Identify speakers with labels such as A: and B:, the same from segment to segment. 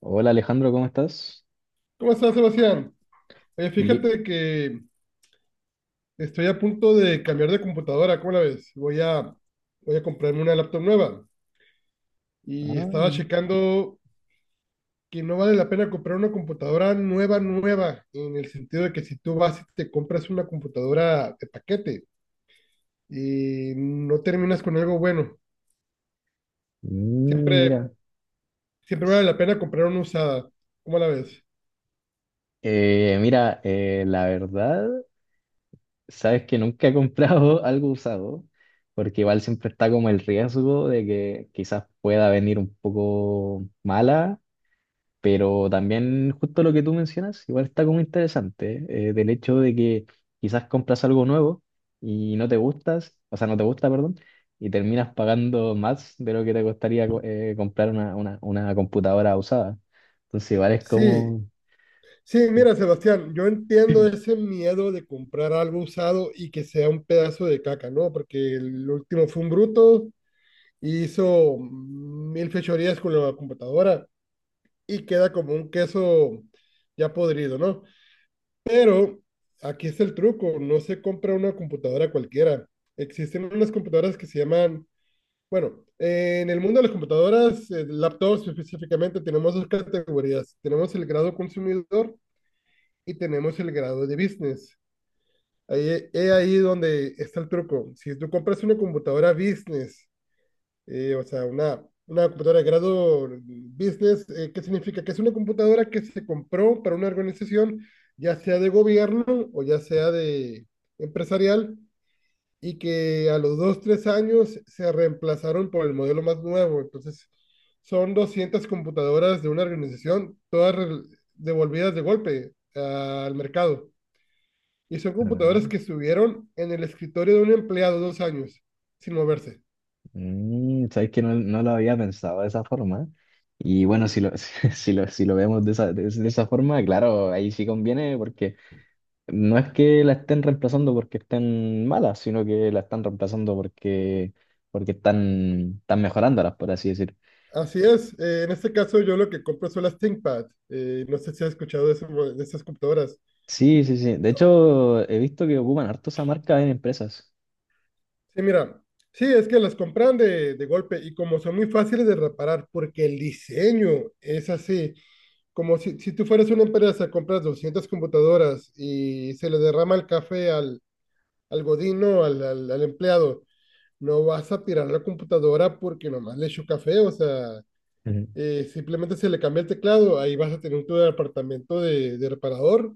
A: Hola Alejandro, ¿cómo estás?
B: ¿Cómo estás, Sebastián? Oye,
A: Bien.
B: fíjate que estoy a punto de cambiar de computadora, ¿cómo la ves? Voy a comprarme una laptop nueva y
A: Ah,
B: estaba checando que no vale la pena comprar una computadora nueva, nueva, en el sentido de que si tú vas y te compras una computadora de paquete y no terminas con algo bueno,
A: mm,
B: siempre,
A: mira.
B: siempre vale la pena comprar una usada, ¿cómo la ves?
A: Mira, la verdad, sabes que nunca he comprado algo usado, porque igual siempre está como el riesgo de que quizás pueda venir un poco mala. Pero también justo lo que tú mencionas, igual está como interesante, del hecho de que quizás compras algo nuevo y no te gustas, o sea, no te gusta, perdón, y terminas pagando más de lo que te costaría comprar una computadora usada. Entonces igual es
B: Sí,
A: como...
B: sí,
A: sí.
B: mira, Sebastián, yo entiendo ese miedo de comprar algo usado y que sea un pedazo de caca, ¿no? Porque el último fue un bruto, y hizo mil fechorías con la computadora y queda como un queso ya podrido, ¿no? Pero aquí es el truco, no se compra una computadora cualquiera. Existen unas computadoras que se llaman, bueno, en el mundo de las computadoras, laptops específicamente, tenemos dos categorías. Tenemos el grado consumidor y tenemos el grado de business. Ahí, es ahí donde está el truco. Si tú compras una computadora business, o sea, una computadora de grado business, ¿qué significa? Que es una computadora que se compró para una organización, ya sea de gobierno o ya sea de empresarial, y que a los dos, tres años se reemplazaron por el modelo más nuevo. Entonces, son 200 computadoras de una organización, todas devolvidas de golpe al mercado. Y son computadoras
A: Ah,
B: que estuvieron en el escritorio de un empleado 2 años sin moverse.
A: mm, sabes que no lo había pensado de esa forma. Y bueno, si lo vemos de esa, de esa forma, claro, ahí sí conviene porque... No es que la estén reemplazando porque estén malas, sino que la están reemplazando porque están mejorándolas, por así decir.
B: Así es, en este caso yo lo que compro son las ThinkPad. No sé si has escuchado de estas computadoras.
A: Sí, sí, sí. De hecho, he visto que ocupan harto esa marca en empresas.
B: Sí, mira, sí, es que las compran de golpe y como son muy fáciles de reparar porque el diseño es así, como si tú fueras una empresa, compras 200 computadoras y se le derrama el café al godino, al empleado, no vas a tirar la computadora porque nomás le echó café, o sea,
A: Ujú.
B: simplemente se le cambia el teclado, ahí vas a tener tu departamento de reparador.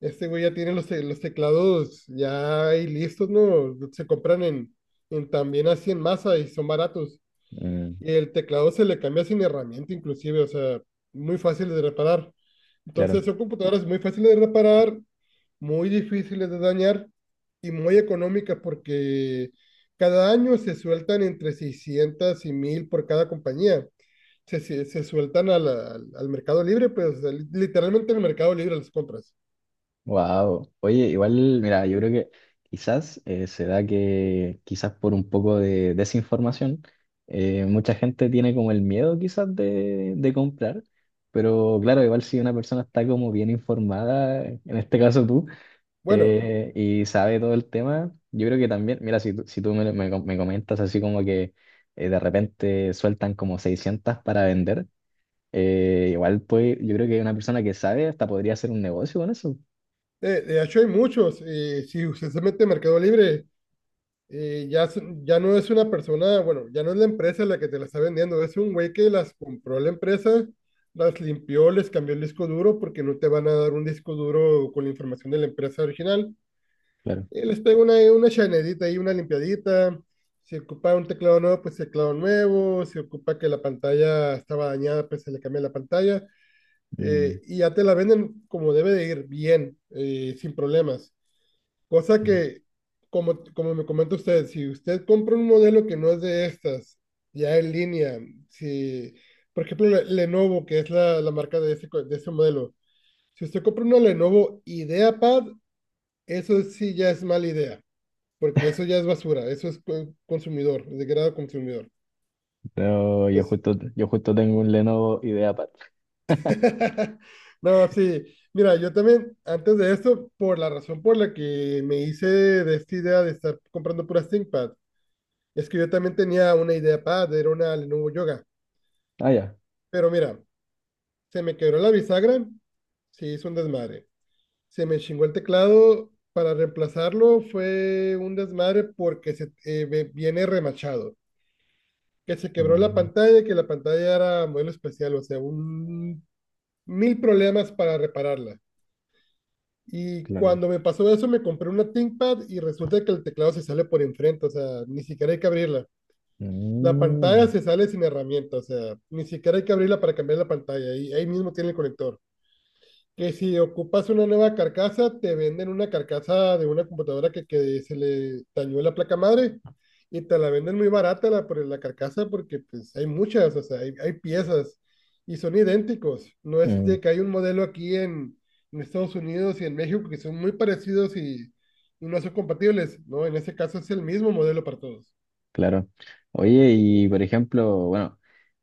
B: Este güey ya tiene los teclados ya ahí listos, ¿no? Se compran en también así en masa y son baratos.
A: Mm,
B: Y el teclado se le cambia sin herramienta inclusive, o sea, muy fácil de reparar.
A: claro.
B: Entonces son computadoras muy fáciles de reparar, muy difíciles de dañar y muy económicas porque cada año se sueltan entre 600 y 1000 por cada compañía se sueltan al mercado libre, pues literalmente en el mercado libre las compras.
A: Wow. Oye, igual, mira, yo creo que quizás se da que, quizás por un poco de desinformación, mucha gente tiene como el miedo quizás de comprar. Pero claro, igual si una persona está como bien informada, en este caso tú,
B: Bueno,
A: y sabe todo el tema. Yo creo que también, mira, si tú me com- me comentas así como que de repente sueltan como 600 para vender, igual pues yo creo que una persona que sabe hasta podría hacer un negocio con eso.
B: de hecho hay muchos. Si usted se mete en mercado libre, ya no es una persona, bueno, ya no es la empresa la que te la está vendiendo, es un güey que las compró la empresa, las limpió, les cambió el disco duro porque no te van a dar un disco duro con la información de la empresa original.
A: Claro.
B: Y les pego una chanedita y una limpiadita. Si ocupa un teclado nuevo, pues teclado nuevo. Si ocupa que la pantalla estaba dañada, pues se le cambia la pantalla.
A: Mm.
B: Y ya te la venden como debe de ir, bien, sin problemas. Cosa que, como me comenta usted, si usted compra un modelo que no es de estas, ya en línea, si, por ejemplo, Lenovo, que es la marca de ese modelo, si usted compra una Lenovo IdeaPad, eso sí ya es mala idea porque eso ya es basura, eso es consumidor, degrado consumidor.
A: Pero
B: Entonces,
A: yo justo tengo un Lenovo IdeaPad.
B: no, sí, mira, yo también, antes de esto, por la razón por la que me hice de esta idea de estar comprando puras ThinkPad, es que yo también tenía una idea pad, era una Lenovo Yoga,
A: Ah, ya.
B: pero mira, se me quebró la bisagra, sí, hizo un desmadre. Se me chingó el teclado, para reemplazarlo fue un desmadre porque viene remachado. Que se quebró la
A: Mm,
B: pantalla, que la pantalla era modelo especial, o sea, un mil problemas para repararla. Y
A: claro.
B: cuando me pasó eso, me compré una ThinkPad y resulta que el teclado se sale por enfrente, o sea, ni siquiera hay que abrirla. La pantalla
A: Mm,
B: se sale sin herramienta, o sea, ni siquiera hay que abrirla para cambiar la pantalla, y ahí mismo tiene el conector que si ocupas una nueva carcasa, te venden una carcasa de una computadora que se le dañó la placa madre y te la venden muy barata la, por la carcasa porque pues hay muchas, o sea, hay piezas y son idénticos. No es
A: mm,
B: de que hay un modelo aquí en, Estados Unidos y en México que son muy parecidos y no son compatibles, ¿no? En ese caso es el mismo modelo para todos.
A: claro. Oye, y por ejemplo, bueno.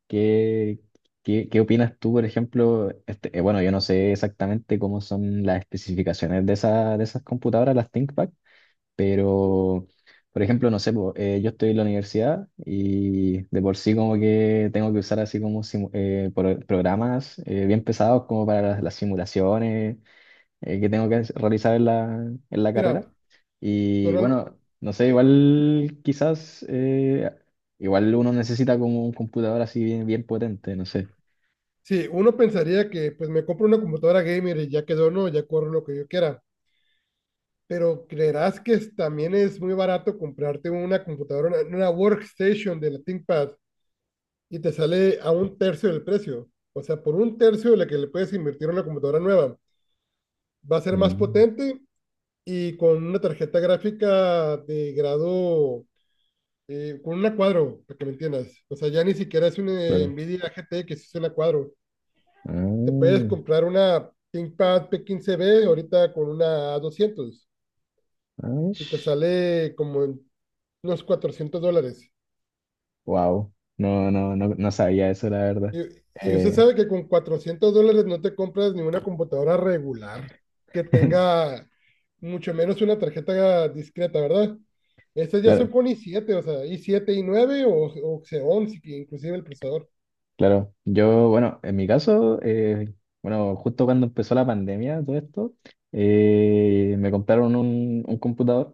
A: ¿Qué, qué opinas tú, por ejemplo? Este, bueno, yo no sé exactamente cómo son las especificaciones de esas computadoras, las ThinkPad, pero, por ejemplo, no sé, po, yo estoy en la universidad y de por sí como que tengo que usar así como programas bien pesados como para las simulaciones que tengo que realizar en la carrera.
B: Mira,
A: Y
B: Donald,
A: bueno, no sé, igual quizás, igual uno necesita como un computador así bien, bien potente, no sé.
B: sí, uno pensaría que pues me compro una computadora gamer y ya quedó, ¿no? Ya corro lo que yo quiera. Pero creerás que también es muy barato comprarte una computadora, una workstation de la ThinkPad y te sale a un tercio del precio. O sea, por un tercio de lo que le puedes invertir a una computadora nueva. Va a ser más
A: Mm,
B: potente y con una tarjeta gráfica de grado, con una cuadro, para que me entiendas. O sea, ya ni siquiera es una
A: claro.
B: Nvidia GTX, es una cuadro. Te puedes comprar una ThinkPad p quince b ahorita con una a doscientos y te sale como en los $400.
A: Wow. No, no, no, no sabía eso, la verdad.
B: Y, y usted
A: Eh,
B: sabe que con $400 no te compras ni una computadora regular que tenga mucho menos una tarjeta discreta, ¿verdad? Estas ya son
A: claro,
B: con i7 o sea, i7 i9 o Xeon, inclusive el procesador.
A: claro. Yo, bueno, en mi caso, bueno, justo cuando empezó la pandemia, todo esto, me compraron un computador.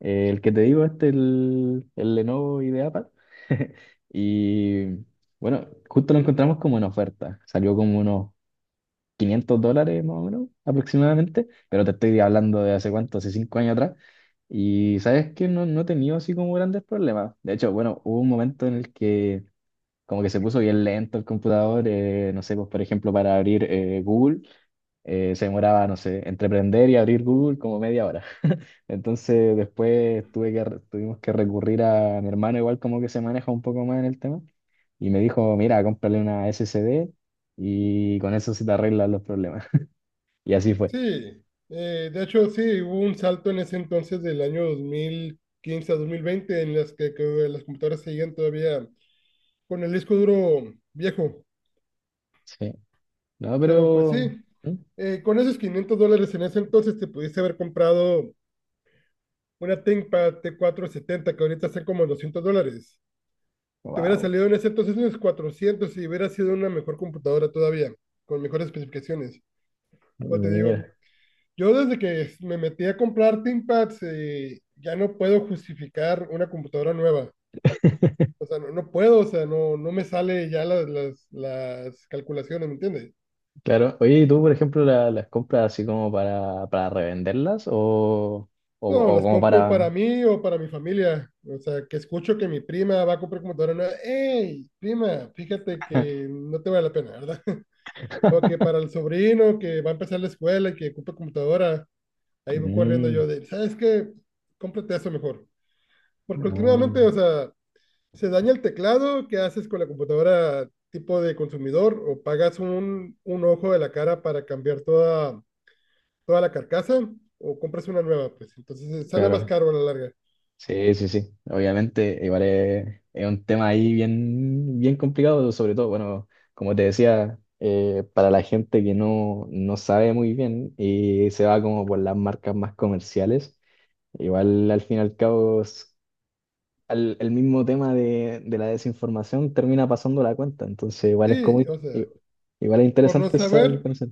A: El que te digo, este, el Lenovo IdeaPad. Y bueno, justo lo encontramos como en oferta. Salió como unos 500 dólares más o menos, aproximadamente. Pero te estoy hablando de hace cuánto, hace 5 años atrás. Y sabes que no he tenido así como grandes problemas. De hecho, bueno, hubo un momento en el que como que se puso bien lento el computador. No sé, pues por ejemplo, para abrir Google se demoraba, no sé, entre prender y abrir Google como media hora. Entonces después tuve que, re- tuvimos que recurrir a mi hermano, igual como que se maneja un poco más en el tema, y me dijo, mira, cómprale una SSD y con eso se te arreglan los problemas. Y así fue.
B: Sí, de hecho sí, hubo un salto en ese entonces del año 2015 a 2020 en las que las computadoras seguían todavía con el disco duro viejo.
A: Sí. No,
B: Pero pues
A: pero...
B: sí, con esos $500 en ese entonces te pudiste haber comprado una ThinkPad T470 que ahorita está como en $200. Te hubiera
A: Wow.
B: salido en ese entonces unos 400 y hubiera sido una mejor computadora todavía, con mejores especificaciones. Pero te digo,
A: Mira,
B: yo desde que me metí a comprar ThinkPads ya no puedo justificar una computadora nueva. O sea, no, no puedo, o sea, no, no me sale ya las calculaciones, ¿me entiendes?
A: claro. Oye, ¿y tú, por ejemplo, las compras así como para revenderlas
B: No,
A: o
B: las
A: como
B: compro para
A: para...
B: mí o para mi familia. O sea, que escucho que mi prima va a comprar computadora nueva. ¡Ey, prima! Fíjate que no te vale la pena, ¿verdad? O que para el sobrino que va a empezar la escuela y que ocupa computadora, ahí voy corriendo
A: Mm,
B: yo de, ¿sabes qué? Cómprate eso mejor. Porque
A: ah,
B: últimamente, o sea, se daña el teclado, ¿qué haces con la computadora tipo de consumidor? ¿O pagas un ojo de la cara para cambiar toda, toda la carcasa? ¿O compras una nueva? Pues entonces sale más
A: claro.
B: caro a la larga.
A: Sí, sí, sí. Obviamente, igual es un tema ahí bien, bien complicado, sobre todo, bueno, como te decía, para la gente que no sabe muy bien y se va como por las marcas más comerciales, igual al fin y al cabo, el mismo tema de la desinformación termina pasando la cuenta, entonces igual es
B: Sí, o sea,
A: igual es
B: por no
A: interesante esa
B: saber,
A: diferencia.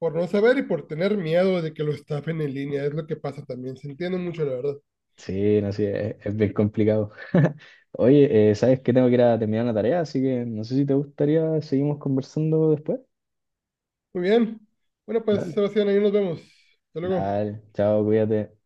B: por no saber y por tener miedo de que lo estafen en línea, es lo que pasa también. Se entiende mucho, la verdad.
A: Sí, no sé, es bien complicado. Oye, ¿sabes que tengo que ir a terminar una tarea? Así que no sé si te gustaría, seguimos conversando después.
B: Muy bien. Bueno, pues,
A: Dale.
B: Sebastián, ahí nos vemos. Hasta luego.
A: Dale, chao, cuídate.